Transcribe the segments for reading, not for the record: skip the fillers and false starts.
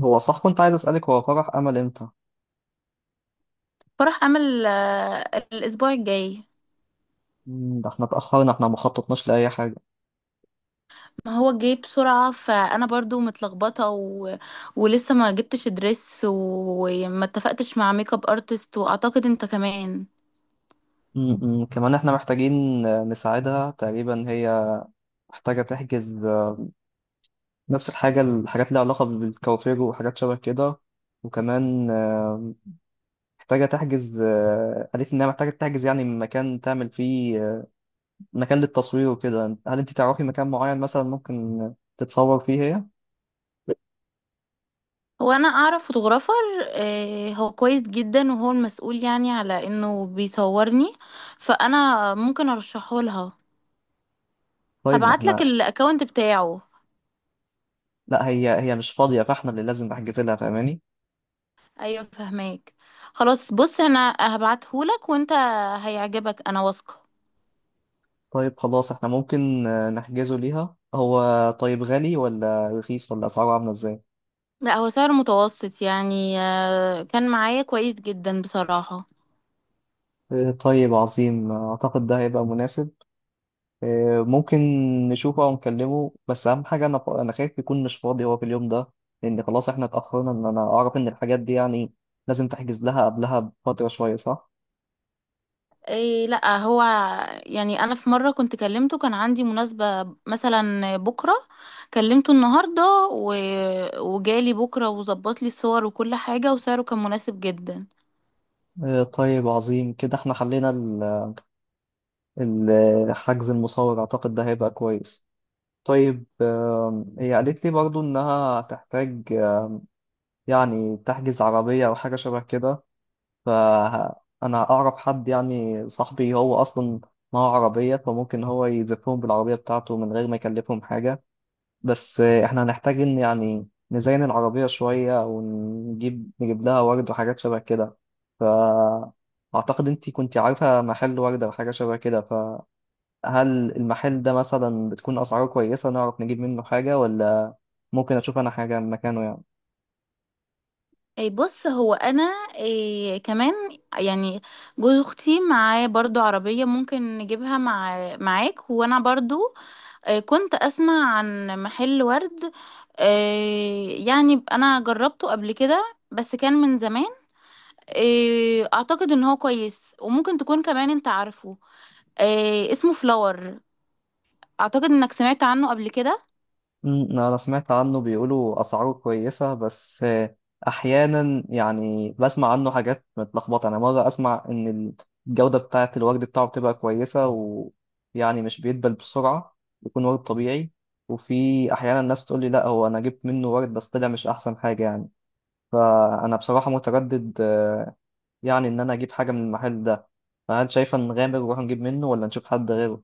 هو صح كنت عايز أسألك، هو فرح أمل إمتى؟ فرح عمل الاسبوع الجاي. ده احنا اتأخرنا، احنا ما خططناش لأي حاجة. ما هو جاي بسرعة، فانا برضو متلخبطة ولسه ما جبتش دريس وما اتفقتش مع ميك اب ارتست، واعتقد انت كمان. كمان احنا محتاجين نساعدها تقريبا. هي محتاجة تحجز نفس الحاجات اللي علاقة بالكوافير وحاجات شبه كده. وكمان محتاجة تحجز، قالت لي إنها محتاجة تحجز يعني مكان تعمل فيه مكان للتصوير وكده. هل أنت تعرفي مكان معين مثلا ممكن تتصور فيه هي؟ هو انا اعرف فوتوغرافر، هو كويس جدا، وهو المسؤول يعني على انه بيصورني، فانا ممكن ارشحه لها. طيب ما هبعت لك احنا، الاكونت بتاعه. لا هي مش فاضية، فاحنا اللي لازم نحجز لها، فاهماني؟ ايوه، فهماك. خلاص، بص انا هبعته لك وانت هيعجبك، انا واثقة. طيب خلاص احنا ممكن نحجزه ليها. هو طيب غالي ولا رخيص، ولا اسعاره عامله ازاي؟ لا، هو سعر متوسط يعني، كان معايا كويس جدا بصراحة. طيب عظيم، اعتقد ده هيبقى مناسب. ممكن نشوفه او نكلمه، بس اهم حاجه، انا خايف يكون مش فاضي هو في اليوم ده، لان خلاص احنا اتاخرنا. ان انا اعرف ان الحاجات دي يعني لازم تحجز لها قبلها بفتره شويه، صح؟ إيه، لا، هو يعني انا في مرة كنت كلمته، كان عندي مناسبة مثلا بكرة، كلمته النهاردة وجالي بكرة وظبط لي الصور وكل حاجة، وسعره كان مناسب جدا. طيب عظيم، كده احنا حلينا حجز المصور، اعتقد ده هيبقى كويس. طيب هي قالت لي برضو انها هتحتاج يعني تحجز عربية أو حاجة شبه كده. فأنا أعرف حد، يعني صاحبي هو أصلا معاه عربية، فممكن هو يزفهم بالعربية بتاعته من غير ما يكلفهم حاجة. بس إحنا هنحتاج إن يعني نزين العربية شوية، ونجيب لها ورد وحاجات شبه كده. أعتقد أنتي كنتي عارفة محل وردة وحاجة شبه كده. فهل المحل ده مثلا بتكون أسعاره كويسة نعرف نجيب منه حاجة، ولا ممكن أشوف أنا حاجة مكانه يعني؟ إيه، بص هو انا. إيه كمان، يعني جوز اختي معاه برضو عربية، ممكن نجيبها مع معاك. وانا برضو كنت أسمع عن محل ورد، يعني أنا جربته قبل كده، بس كان من زمان. أعتقد إن هو كويس، وممكن تكون كمان أنت عارفه. اسمه فلاور، أعتقد إنك سمعت عنه قبل كده. أنا سمعت عنه، بيقولوا أسعاره كويسة، بس أحيانا يعني بسمع عنه حاجات متلخبطة. أنا مرة أسمع إن الجودة بتاعة الورد بتاعه بتبقى كويسة، ويعني مش بيدبل بسرعة، بيكون ورد طبيعي. وفي أحيانا الناس تقول لي لأ، هو أنا جبت منه ورد بس طلع مش أحسن حاجة يعني. فأنا بصراحة متردد يعني إن أنا أجيب حاجة من المحل ده. فهل شايفة نغامر ونروح نجيب منه، ولا نشوف حد غيره؟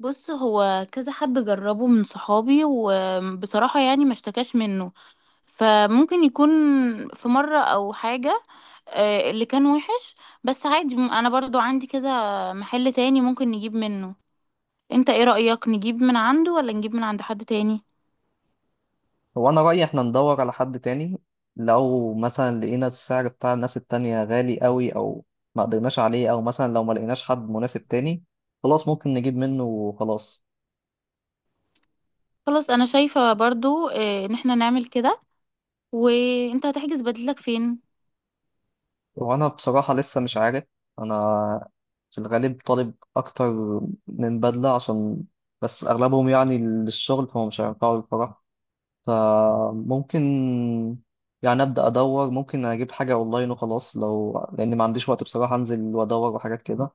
بص، هو كذا حد جربه من صحابي، وبصراحة يعني ما اشتكاش منه. فممكن يكون في مرة أو حاجة اللي كان وحش. بس عادي، أنا برضو عندي كذا محل تاني ممكن نجيب منه. انت ايه رأيك، نجيب من عنده ولا نجيب من عند حد تاني؟ هو أنا رأيي إحنا ندور على حد تاني، لو مثلا لقينا السعر بتاع الناس التانية غالي قوي، أو ما قدرناش عليه، أو مثلا لو ما لقيناش حد مناسب تاني، خلاص ممكن نجيب منه وخلاص. خلاص، انا شايفة برضو ان احنا نعمل كده. وانت هتحجز بديلك فين؟ وأنا بصراحة لسه مش عارف. أنا في الغالب طالب أكتر من بدلة، عشان بس أغلبهم يعني للشغل، فهم مش هينفعوا الفرح. فممكن يعني أبدأ أدور، ممكن أجيب حاجة أونلاين وخلاص، لو لأني ما عنديش وقت بصراحة أنزل وأدور وحاجات كده.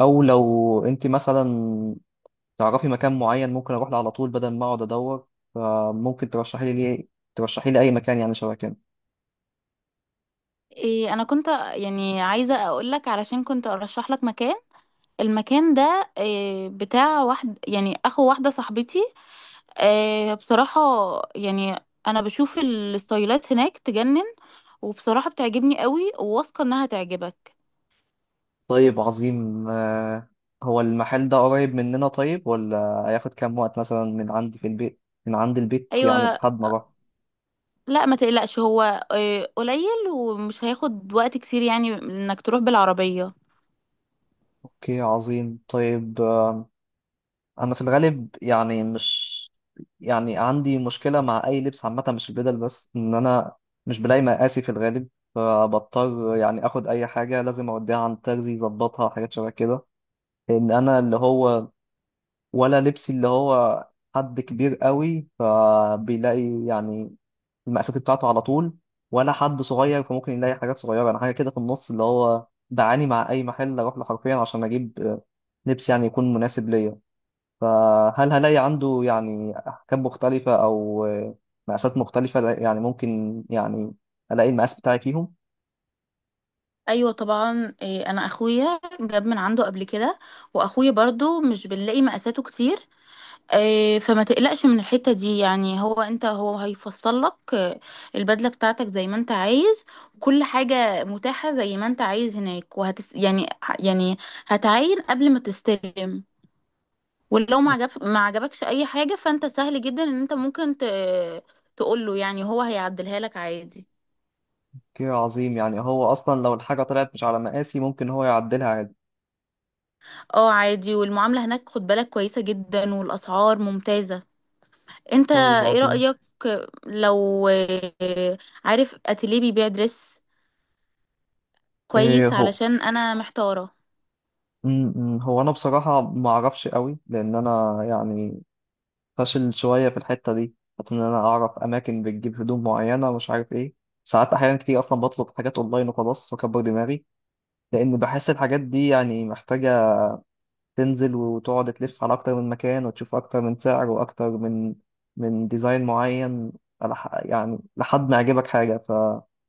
او لو انت مثلا تعرفي مكان معين ممكن اروح له على طول بدل ما اقعد ادور، فممكن ترشحي لي ليه، ترشحي لي اي مكان يعني شبه كده. إيه، انا كنت يعني عايزة اقولك، علشان كنت ارشح لك مكان. المكان ده إيه، بتاع واحد يعني اخو واحدة صاحبتي. إيه بصراحة، يعني انا بشوف الستايلات هناك تجنن، وبصراحة بتعجبني قوي، وواثقة انها تعجبك. طيب عظيم. هو المحل ده قريب مننا طيب، ولا هياخد كام وقت مثلا من عندي في البيت، من عند البيت يعني ايوه، لحد ما اروح؟ لا ما تقلقش، هو قليل ومش هياخد وقت كتير، يعني انك تروح بالعربية. اوكي، عظيم. طيب انا في الغالب يعني مش، يعني عندي مشكله مع اي لبس عامه، مش البدل بس، ان انا مش بلاقي مقاسي في الغالب، فبضطر يعني اخد اي حاجه لازم اوديها عند ترزي يظبطها، حاجات شبه كده. لان انا اللي هو، ولا لبسي اللي هو، حد كبير قوي فبيلاقي يعني المقاسات بتاعته على طول، ولا حد صغير فممكن يلاقي حاجات صغيره. انا حاجه كده في النص اللي هو، بعاني مع اي محل اروح له حرفيا عشان اجيب لبس يعني يكون مناسب ليا. فهل هلاقي عنده يعني أحكام مختلفة أو مقاسات مختلفة، يعني ممكن يعني ألاقي المقاس بتاعي فيهم؟ ايوه طبعا، انا اخويا جاب من عنده قبل كده، واخويا برضو مش بنلاقي مقاساته كتير. فما تقلقش من الحتة دي، يعني هو انت هو هيفصل لك البدلة بتاعتك زي ما انت عايز. كل حاجة متاحة زي ما انت عايز هناك، وهتس يعني يعني هتعاين قبل ما تستلم. ولو ما عجبكش اي حاجه، فانت سهل جدا ان انت ممكن تقول له، يعني هو هيعدلها لك عادي. أوكي عظيم، يعني هو أصلا لو الحاجة طلعت مش على مقاسي ممكن هو يعدلها عادي. اه عادي، والمعامله هناك خد بالك كويسه جدا، والاسعار ممتازه. انت طيب ايه عظيم. رايك؟ لو عارف اتيليه بيبيع دريس إيه، كويس، علشان انا محتاره. م- هو أنا بصراحة ما أعرفش قوي، لأن أنا يعني فاشل شوية في الحتة دي. حتى إن أنا أعرف أماكن بتجيب هدوم معينة مش عارف إيه، ساعات أحيانا كتير أصلا بطلب حاجات أونلاين وخلاص وأكبر دماغي، لأن بحس الحاجات دي يعني محتاجة تنزل وتقعد تلف على أكتر من مكان، وتشوف أكتر من سعر، وأكتر من ديزاين معين، يعني لحد ما يعجبك حاجة.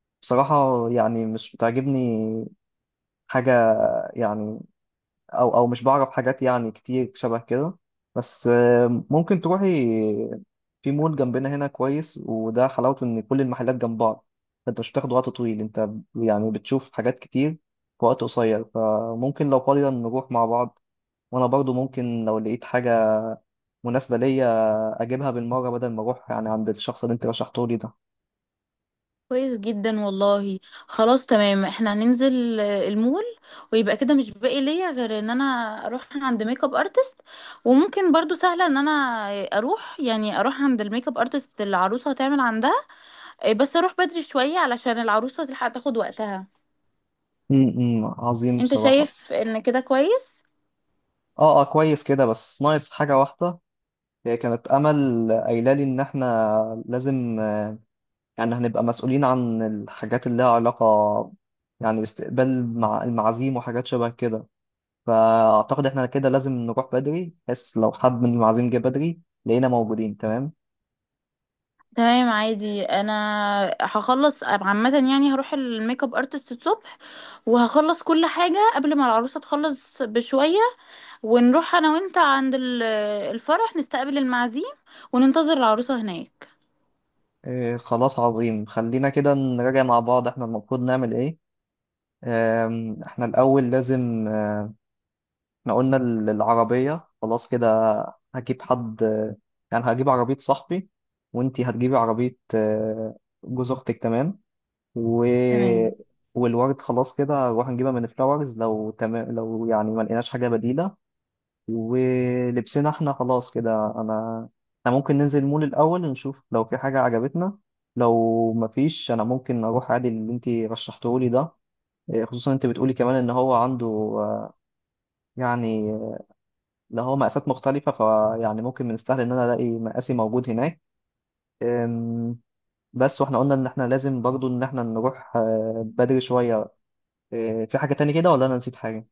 فبصراحة يعني مش بتعجبني حاجة يعني، أو مش بعرف حاجات يعني كتير شبه كده. بس ممكن تروحي في مول جنبنا هنا كويس، وده حلاوته إن كل المحلات جنب بعض، فأنت مش بتاخد وقت طويل، أنت يعني بتشوف حاجات كتير في وقت قصير. فممكن لو فاضية نروح مع بعض. وانا برضو ممكن لو لقيت حاجه مناسبه ليا اجيبها بالمره، بدل ما اروح يعني عند الشخص اللي انت رشحته لي ده. كويس جدا والله. خلاص تمام، احنا هننزل المول. ويبقى كده مش باقي ليا غير ان انا اروح عند ميك اب ارتست. وممكن برضو سهله ان انا اروح عند الميك اب ارتست اللي العروسه هتعمل عندها. بس اروح بدري شويه علشان العروسه تلحق تاخد وقتها. عظيم انت بصراحه. شايف ان كده كويس؟ اه، اه، كويس كده، بس ناقص حاجه واحده. هي كانت امل قايله لي ان احنا لازم يعني هنبقى مسؤولين عن الحاجات اللي لها علاقه، يعني باستقبال مع المعازيم وحاجات شبه كده. فاعتقد احنا كده لازم نروح بدري، بس لو حد من المعازيم جه بدري لقينا موجودين، تمام. تمام عادي. انا هخلص عامه، يعني هروح الميك اب ارتست الصبح، وهخلص كل حاجه قبل ما العروسه تخلص بشويه. ونروح انا وانت عند الفرح، نستقبل المعازيم وننتظر العروسة هناك. إيه خلاص عظيم. خلينا كده نراجع مع بعض احنا المفروض نعمل ايه. احنا الأول لازم، احنا قلنا العربية خلاص كده، هجيب حد يعني هجيب عربية صاحبي، وانتي هتجيبي عربية جوز أختك، تمام. و... تمام، والورد خلاص كده هنروح نجيبها من فلاورز، لو تمام، لو يعني ما لقيناش حاجة بديلة. ولبسنا احنا خلاص كده، انا احنا ممكن ننزل المول الاول نشوف لو في حاجه عجبتنا، لو مفيش انا ممكن اروح عادي اللي انت رشحته لي ده. إيه، خصوصا انت بتقولي كمان ان هو عنده آه، يعني اللي هو مقاسات مختلفه، فيعني ممكن من السهل ان انا الاقي مقاسي موجود هناك. أم، بس واحنا قلنا ان احنا لازم برضو ان احنا نروح بدري شويه. في حاجه تاني كده ولا انا نسيت حاجه؟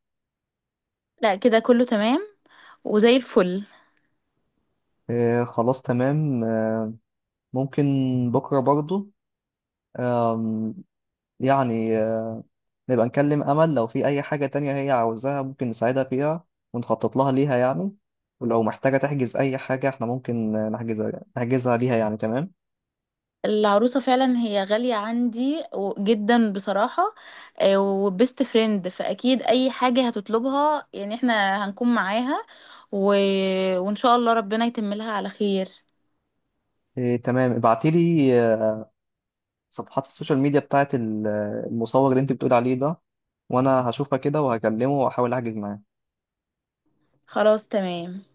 لا كده كله تمام، وزي الفل. خلاص تمام. ممكن بكره برضو يعني نبقى نكلم أمل لو في أي حاجة تانية هي عاوزاها ممكن نساعدها فيها، ونخطط ليها يعني. ولو محتاجة تحجز أي حاجة احنا ممكن نحجزها ليها يعني، تمام. العروسة فعلا هي غالية عندي جدا بصراحة. وبست فريند، فأكيد أي حاجة هتطلبها يعني احنا هنكون معاها و... وإن شاء الله ربنا يتم لها على خير. إيه تمام، ابعتيلي صفحات السوشيال ميديا بتاعت المصور اللي انت بتقول عليه ده، وأنا هشوفها كده وهكلمه وأحاول أحجز معاه. خلاص تمام.